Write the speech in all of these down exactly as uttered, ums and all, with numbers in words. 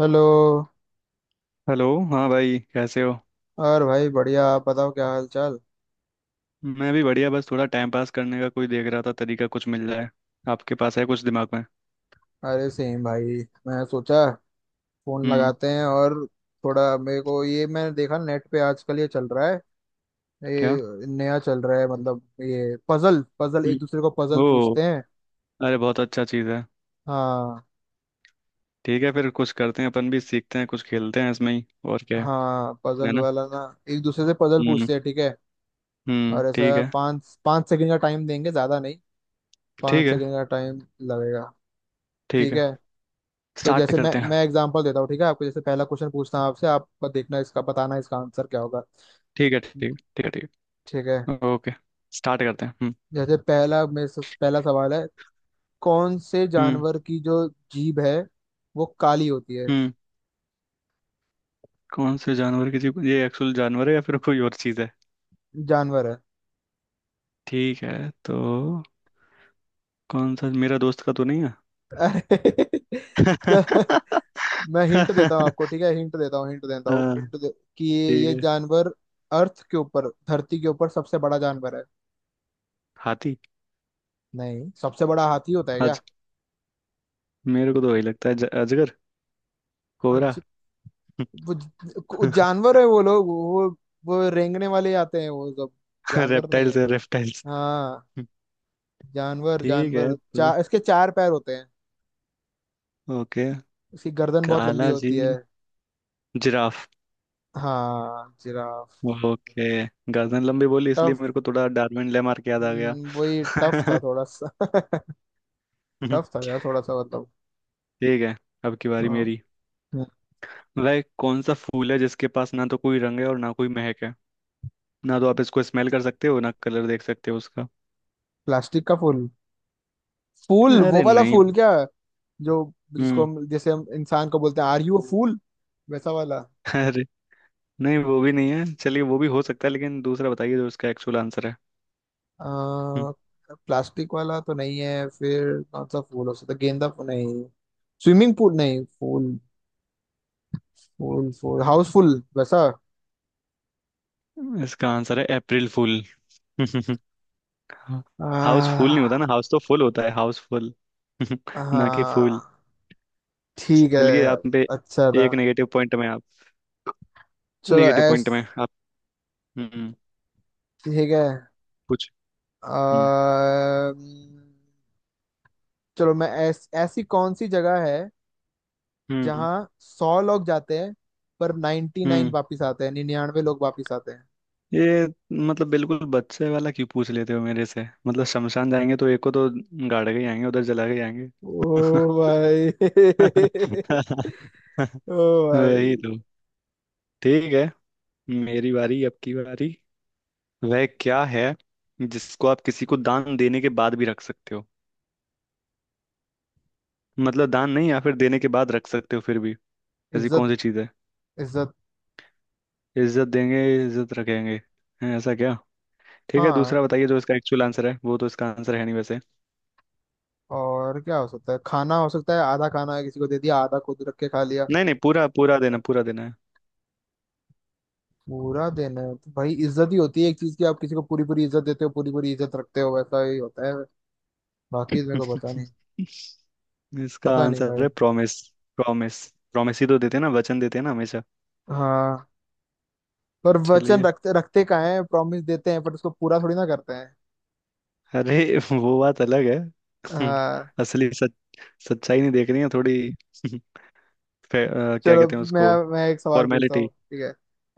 Hello. Hello. हाँ भाई कैसे हो। और भाई बढ़िया, आप बताओ क्या हाल चाल। मैं भी बढ़िया, बस थोड़ा टाइम पास करने का कोई देख रहा था तरीका, कुछ मिल जाए। आपके पास है कुछ दिमाग में? अरे सेम भाई, मैं सोचा फोन हम्म। लगाते हैं और थोड़ा मेरे को, ये मैंने देखा नेट पे आजकल ये चल रहा है, क्या? ये नया चल रहा है, मतलब ये पजल पजल एक दूसरे को हम्म, पजल ओ, पूछते हैं। अरे बहुत अच्छा चीज़ है। हाँ। ठीक है, फिर कुछ करते हैं, अपन भी सीखते हैं, कुछ खेलते हैं इसमें ही। और क्या है? हाँ, है पजल ना। वाला ना, एक दूसरे से पजल हम्म। पूछते हैं, ठीक है। हम्म, और ठीक ऐसा है। पाँच पाँच सेकंड का टाइम देंगे, ज्यादा नहीं, ठीक पाँच है। सेकंड का टाइम लगेगा, ठीक ठीक है, है। तो स्टार्ट जैसे मैं करते हैं। मैं एग्जांपल देता हूँ, ठीक है? आपको जैसे पहला क्वेश्चन पूछता हूँ आपसे, आप देखना इसका, बताना इसका आंसर क्या होगा। ठीक है। ठीक है। ठीक है। ठीक ठीक है। है, ओके, स्टार्ट करते हैं। हम्म। जैसे पहला, मेरे से पहला सवाल है, कौन से हम्म जानवर की जो जीभ है, वो काली होती है? हम्म कौन से जानवर, किसी को, ये एक्चुअल जानवर है या फिर कोई और चीज़ है? जानवर है। ठीक है तो, कौन सा? मेरा दोस्त का तो नहीं है। अरे, चल, मैं हिंट देता हूँ आपको, ठीक है? हिंट देता हूँ हिंट देता हूँ हाँ हिंट दे, कि ठीक ये है। जानवर अर्थ के ऊपर, धरती के ऊपर सबसे बड़ा जानवर है। हाथी। नहीं, सबसे बड़ा हाथी होता है क्या? आज मेरे को तो वही लगता है, ज- अजगर, कोबरा। आज वो वो जानवर है, वो लोग, वो वो रेंगने वाले आते हैं वो सब जानवर नहीं रेप्टाइल्स है। है, रेप्टाइल्स। हाँ, जानवर ठीक है जानवर तो, चार, इसके चार पैर होते हैं। ओके। इसकी गर्दन बहुत लंबी काला जी, होती है। जिराफ। हाँ, जिराफ। ओके। गर्दन लंबी बोली इसलिए टफ। मेरे को थोड़ा डार्विन लेमार्क याद आ गया। हम्म, वही टफ था थोड़ा सा। टफ था यार, थोड़ा सा, मतलब। ठीक है, अब की बारी हाँ। मेरी। हम्म, वह कौन सा फूल है जिसके पास ना तो कोई रंग है और ना कोई महक है? ना तो आप इसको स्मेल कर सकते हो ना कलर देख सकते हो उसका। प्लास्टिक का फूल। फूल, वो अरे वाला नहीं। फूल, क्या जो, जिसको हम्म। हम, जैसे हम इंसान को बोलते हैं आर यू अ फूल, वैसा वाला। अरे नहीं, वो भी नहीं है, चलिए वो भी हो सकता है, लेकिन दूसरा बताइए जो इसका एक्चुअल आंसर है। प्लास्टिक वाला तो नहीं है, फिर कौन सा फूल हो सकता है? गेंदा फूल नहीं, स्विमिंग पूल नहीं, फूल फूल फूल हाउसफुल वैसा। हम्म, इसका आंसर है अप्रैल फूल। हाउस फूल नहीं होता आ, ना, हाउस तो फुल होता है, हाउस फुल। ना कि फूल। हाँ, ठीक है, चलिए, आप पे अच्छा था। एक नेगेटिव पॉइंट। में आप चलो नेगेटिव पॉइंट ऐस में आप। हम्म, ठीक है। कुछ। हम्म। आ, चलो मैं ऐस, ऐसी कौन सी जगह है हम्म जहाँ सौ लोग जाते हैं पर नाइन्टी नाइन हम्म वापिस आते हैं, निन्यानवे लोग वापिस आते हैं। ये, मतलब बिल्कुल बच्चे वाला क्यों पूछ लेते हो मेरे से? मतलब शमशान जाएंगे तो एक को तो गाड़ के ही आएंगे, उधर जला के ही आएंगे। ओ भाई। ओ वही भाई। तो। ठीक है, मेरी बारी, अब की बारी। वह क्या है जिसको आप किसी को दान देने के बाद भी रख सकते हो? मतलब दान नहीं, या फिर देने के बाद रख सकते हो फिर भी। ऐसी इज्जत। कौन सी चीज है? इज्जत। इज्जत देंगे, इज्जत रखेंगे? हैं, ऐसा क्या। ठीक है, दूसरा हाँ, बताइए जो इसका एक्चुअल आंसर है, वो तो इसका आंसर है नहीं वैसे। और क्या हो सकता है? खाना हो सकता है, आधा खाना है, किसी को दे दिया, आधा खुद रख के खा लिया। नहीं नहीं, पूरा पूरा देना, पूरा देना है। पूरा दिन है तो भाई इज्जत ही होती है एक चीज की, आप किसी को पूरी पूरी इज्जत देते हो, पूरी पूरी इज्जत रखते हो, वैसा ही होता है। बाकी तो मेरे को पता नहीं। इसका पता नहीं आंसर भाई। है प्रॉमिस। प्रॉमिस। प्रॉमिस ही तो देते हैं ना, वचन देते हैं ना हमेशा। हाँ, पर वचन चलिए, रखते रखते का है, प्रॉमिस देते हैं पर उसको पूरा थोड़ी ना करते हैं। अरे वो बात अलग है। हाँ। असली सच, सच्चाई नहीं देख रही है थोड़ी। फे- अ, क्या चलो कहते हैं मैं उसको, मैं एक सवाल पूछता हूँ, फॉर्मेलिटी। ठीक है?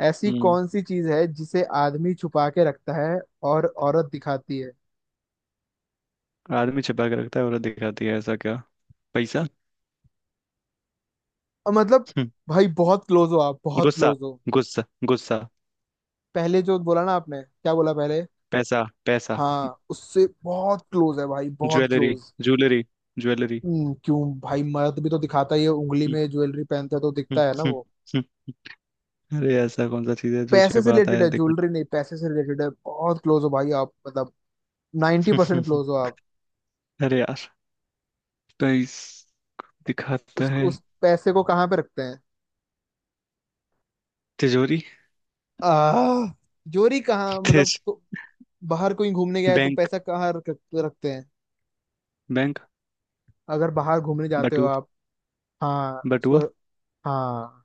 ऐसी हम्म। कौन सी चीज है जिसे आदमी छुपा के रखता है और औरत दिखाती है? आदमी छिपा के रखता है औरत दिखाती है, ऐसा क्या? पैसा। और मतलब हम्म, भाई बहुत क्लोज हो आप, बहुत गुस्सा, क्लोज हो। गुस्सा, गुस्सा। पहले जो बोला ना आपने, क्या बोला पहले? पैसा पैसा। हाँ, उससे बहुत क्लोज है भाई, बहुत ज्वेलरी, क्लोज। Jewellery, jewellery. हम्म, क्यों भाई, मर्द भी तो दिखाता ही है, उंगली हम्म, में ज्वेलरी पहनते है तो हम्म, दिखता है ना हम्म, वो। हम्म। अरे ऐसा कौन सा चीज है जो पैसे से छिपाता रिलेटेड है है, दिखाता ज्वेलरी है? नहीं, पैसे से रिलेटेड है, बहुत क्लोज हो भाई आप, मतलब 90% परसेंट क्लोज हो आप। अरे यार, पैस दिखाता उस है। उस पैसे को कहाँ पे रखते हैं? तिजोरी, आह, जोरी कहाँ, मतलब तिज को- बाहर कोई घूमने गया है तो बैंक, पैसा कहाँ रख, रखते हैं? बैंक, अगर बाहर घूमने जाते हो बटुआ, आप? हाँ बटुआ। उसको। हाँ,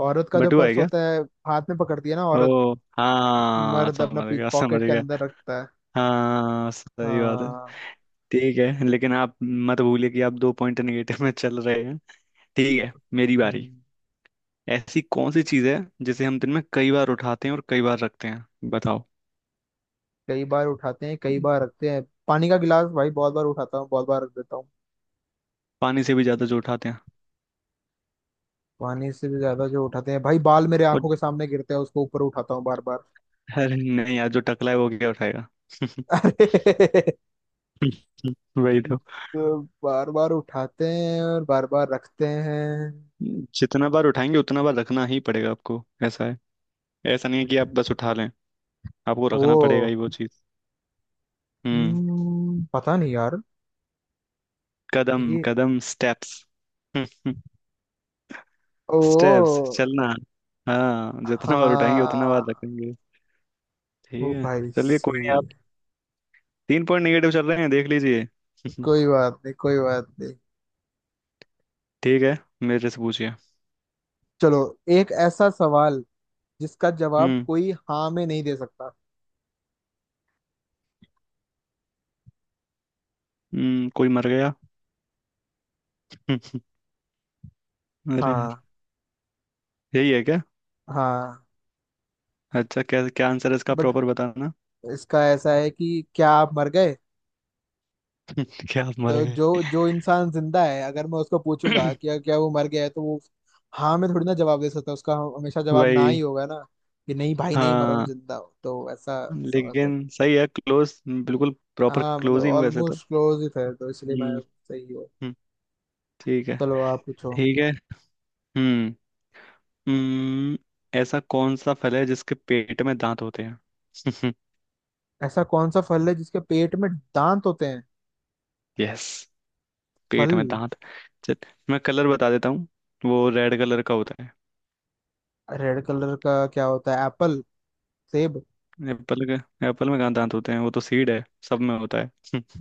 औरत का जो बटुआ है पर्स क्या? होता है, हाथ में पकड़ती है ना औरत, ओ हाँ, मर्द अपना समझ गया समझ पॉकेट के गया। अंदर रखता है। हाँ सही बात है। हाँ। ठीक है, लेकिन आप मत भूलिए कि आप दो पॉइंट नेगेटिव में चल रहे हैं। ठीक है, मेरी बारी। हम्म, ऐसी कौन सी चीज है जिसे हम दिन में कई बार उठाते हैं और कई बार रखते हैं, बताओ? कई बार उठाते हैं कई बार रखते हैं, पानी का गिलास? भाई बहुत बार उठाता हूँ, बहुत बार रख देता हूँ। पानी से भी ज्यादा जो उठाते हैं। पानी से भी ज्यादा जो उठाते हैं? भाई बाल मेरे और आंखों के सामने गिरते हैं, उसको ऊपर उठाता हूँ बार बार। अरे नहीं यार, जो टकला है वो क्या उठाएगा? अरे, वही तो। तो बार बार उठाते हैं और बार बार रखते हैं। जितना बार उठाएंगे उतना बार रखना ही पड़ेगा आपको, ऐसा है। ऐसा नहीं है कि आप बस उठा लें, आपको रखना पड़ेगा ही ओ। वो चीज। हम्म। हम्म, पता नहीं यार। कदम ये कदम, स्टेप्स। स्टेप्स, ओ। चलना। हाँ जितना बार उठाएंगे उतना बार हाँ। रखेंगे। ओ ठीक है। भाई चलिए कोई सही नहीं, है। आप तीन पॉइंट निगेटिव चल रहे हैं, देख लीजिए। कोई बात नहीं, कोई बात नहीं। ठीक है, मेरे से पूछिए। चलो, एक ऐसा सवाल जिसका जवाब हम्म। कोई हाँ में नहीं दे सकता। हम्म, कोई मर गया। अरे यार, हाँ। यही है क्या? हाँ। अच्छा क्या, क्या आंसर है इसका, बट प्रॉपर बताना। इसका ऐसा है कि क्या आप मर गए? क्या आप मर तो गए? जो जो इंसान जिंदा है, अगर मैं उसको पूछूंगा कि क्या क्या वो मर गया है, तो वो हाँ में थोड़ी ना जवाब दे सकता है, उसका हमेशा जवाब ना ही वही। होगा ना, कि नहीं भाई, नहीं मरा हूँ, हाँ। जिंदा हूँ, तो ऐसा सवाल था। लेकिन सही है, क्लोज बिल्कुल। प्रॉपर हाँ मतलब क्लोज ही हूँ वैसे तो। ऑलमोस्ट क्लोज ही थे तो इसलिए हम्म। मैं सही हूँ। हम्म, ठीक है। चलो आप पूछो। ठीक है। हम्म। हम्म, ऐसा कौन सा फल है जिसके पेट में दांत होते हैं? ऐसा कौन सा फल है जिसके पेट में दांत होते हैं? यस, पेट फल। में दांत। चल, मैं कलर बता देता हूँ, वो रेड कलर का होता है। रेड कलर का क्या होता है, एप्पल, सेब? एप्पल का? एप्पल में कहाँ दांत होते हैं, वो तो सीड है, सब में होता है।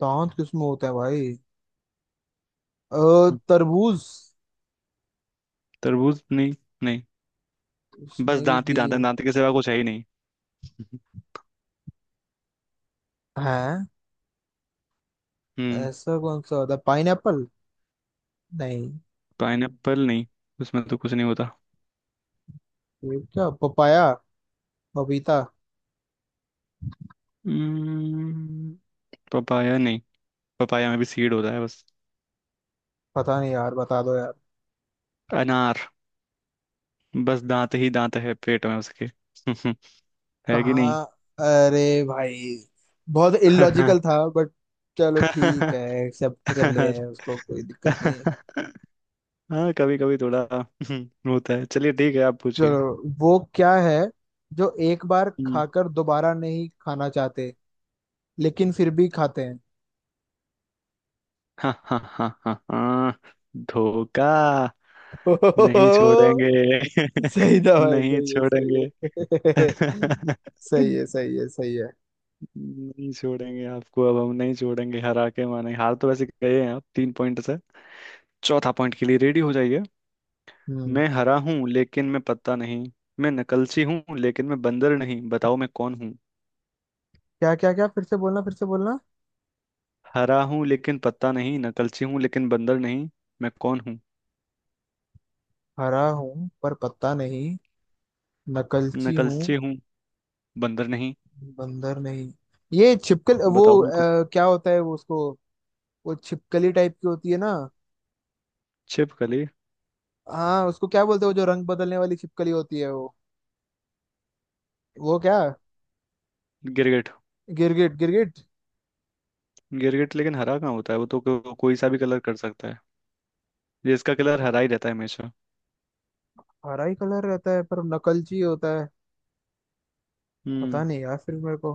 दांत किसमें होता है भाई? अ, हम्म, तरबूज। तरबूज नहीं। नहीं, बस उसमें दांत ही भी दांत है, दांत के सिवा कुछ है ही नहीं। है, हम्म। ऐसा कौन सा होता है, पाइन एप्पल? नहीं। पाइनएप्पल नहीं, उसमें तो कुछ नहीं होता। ये क्या, पपाया, पपीता? हम्म, पपाया नहीं, पपाया में भी सीड होता है बस। पता नहीं यार, बता दो यार। अनार, बस दांत ही दांत है पेट में उसके। है कि नहीं? कहाँ? अरे भाई, बहुत इलॉजिकल था बट चलो ठीक अरे। है, एक्सेप्ट कर लिया है उसको, कोई दिक्कत नहीं है। हाँ, कभी कभी थोड़ा होता है, चलिए ठीक है, आप पूछिए। चलो, वो क्या है जो एक बार हम्म, खाकर दोबारा नहीं खाना चाहते, लेकिन फिर भी खाते हैं? हाँ, हाँ, हाँ, हाँ, हाँ, धोखा। नहीं छोड़ेंगे। सही था नहीं भाई, सही छोड़ेंगे। है, सही है। सही है, सही है, सही है। नहीं छोड़ेंगे आपको, अब हम नहीं छोड़ेंगे, हरा के माने। हार तो वैसे गए हैं आप तीन पॉइंट से, चौथा पॉइंट के लिए रेडी हो जाइए। हम्म। मैं हरा हूँ लेकिन मैं पत्ता नहीं, मैं नकलची हूँ लेकिन मैं बंदर नहीं, बताओ मैं कौन? क्या क्या क्या, फिर से बोलना, फिर से बोलना। हरा हूँ लेकिन पत्ता नहीं, नकलची हूँ लेकिन बंदर नहीं, मैं कौन हूँ? हरा हूँ पर पत्ता नहीं, नकलची हूँ, नकलची हूँ, बंदर नहीं, बंदर नहीं, ये छिपकल वो बताओ मैं कौन? अ, क्या होता है वो, उसको, वो छिपकली टाइप की होती है ना। छिपकली? हाँ, उसको क्या बोलते हैं वो, जो रंग बदलने वाली छिपकली होती है वो वो क्या, गिरगिट। गिरगिट, गिरगिट। गिरगिट लेकिन हरा कहाँ होता है, वो तो को, कोई सा भी कलर कर सकता है। ये इसका कलर हरा ही रहता है हमेशा। हरा ही कलर रहता है पर नकलची होता है। पता हम्म। नहीं यार, फिर मेरे को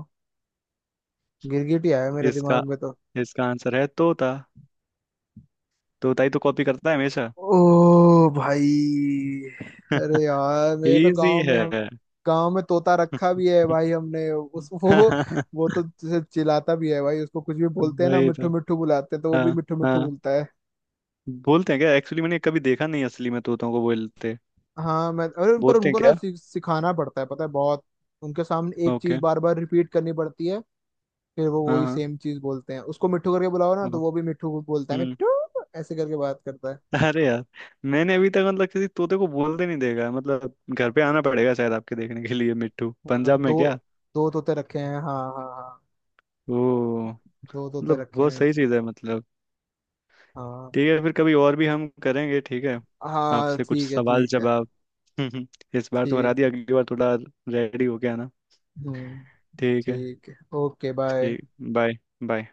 गिरगिट ही आया मेरे इसका दिमाग में तो। इसका आंसर है तोता। तोता ही तो कॉपी करता है हमेशा। ओ भाई। अरे यार, मेरे तो इजी गांव में, हम है। गांव में तोता रखा भी है भाई हमने, उस वो वो तो जैसे चिल्लाता भी है भाई, उसको कुछ भी बोलते हैं ना, वही तो, मिट्ठू मिट्ठू बुलाते हैं तो वो हाँ, भी मिट्ठू मिट्ठू हाँ। बोलता है। बोलते हैं क्या एक्चुअली? मैंने कभी देखा नहीं असली में तोतों को बोलते। हाँ मैं, अरे उन पर बोलते हैं उनको ना क्या? सि- सिखाना पड़ता है, पता है, बहुत उनके सामने एक चीज ओके। बार बार रिपीट करनी पड़ती है, फिर वो हाँ, वही हाँ, सेम चीज बोलते हैं। उसको मिट्ठू करके बुलाओ ना, हाँ, तो वो भी मिट्ठू बोलता है, हम्म। मिट्ठू। ऐसे करके बात करता है। अरे यार, मैंने अभी तक मतलब किसी तोते को बोलते नहीं देखा है। मतलब घर पे आना पड़ेगा शायद आपके देखने के लिए, मिट्टू, हाँ, पंजाब दो में क्या? दो तोते रखे हैं, हाँ हाँ हाँ, वो दो तोते मतलब रखे बहुत हैं। सही चीज़ है, मतलब। हाँ, ठीक है, फिर कभी और भी हम करेंगे, ठीक है, हाँ, आपसे कुछ ठीक है, सवाल ठीक है, जवाब। इस बार तो हरा ठीक दिया, है। अगली बार थोड़ा रेडी होके आना। हम्म। ठीक है। ठीक है, ओके, बाय। ठीक, बाय। बाय।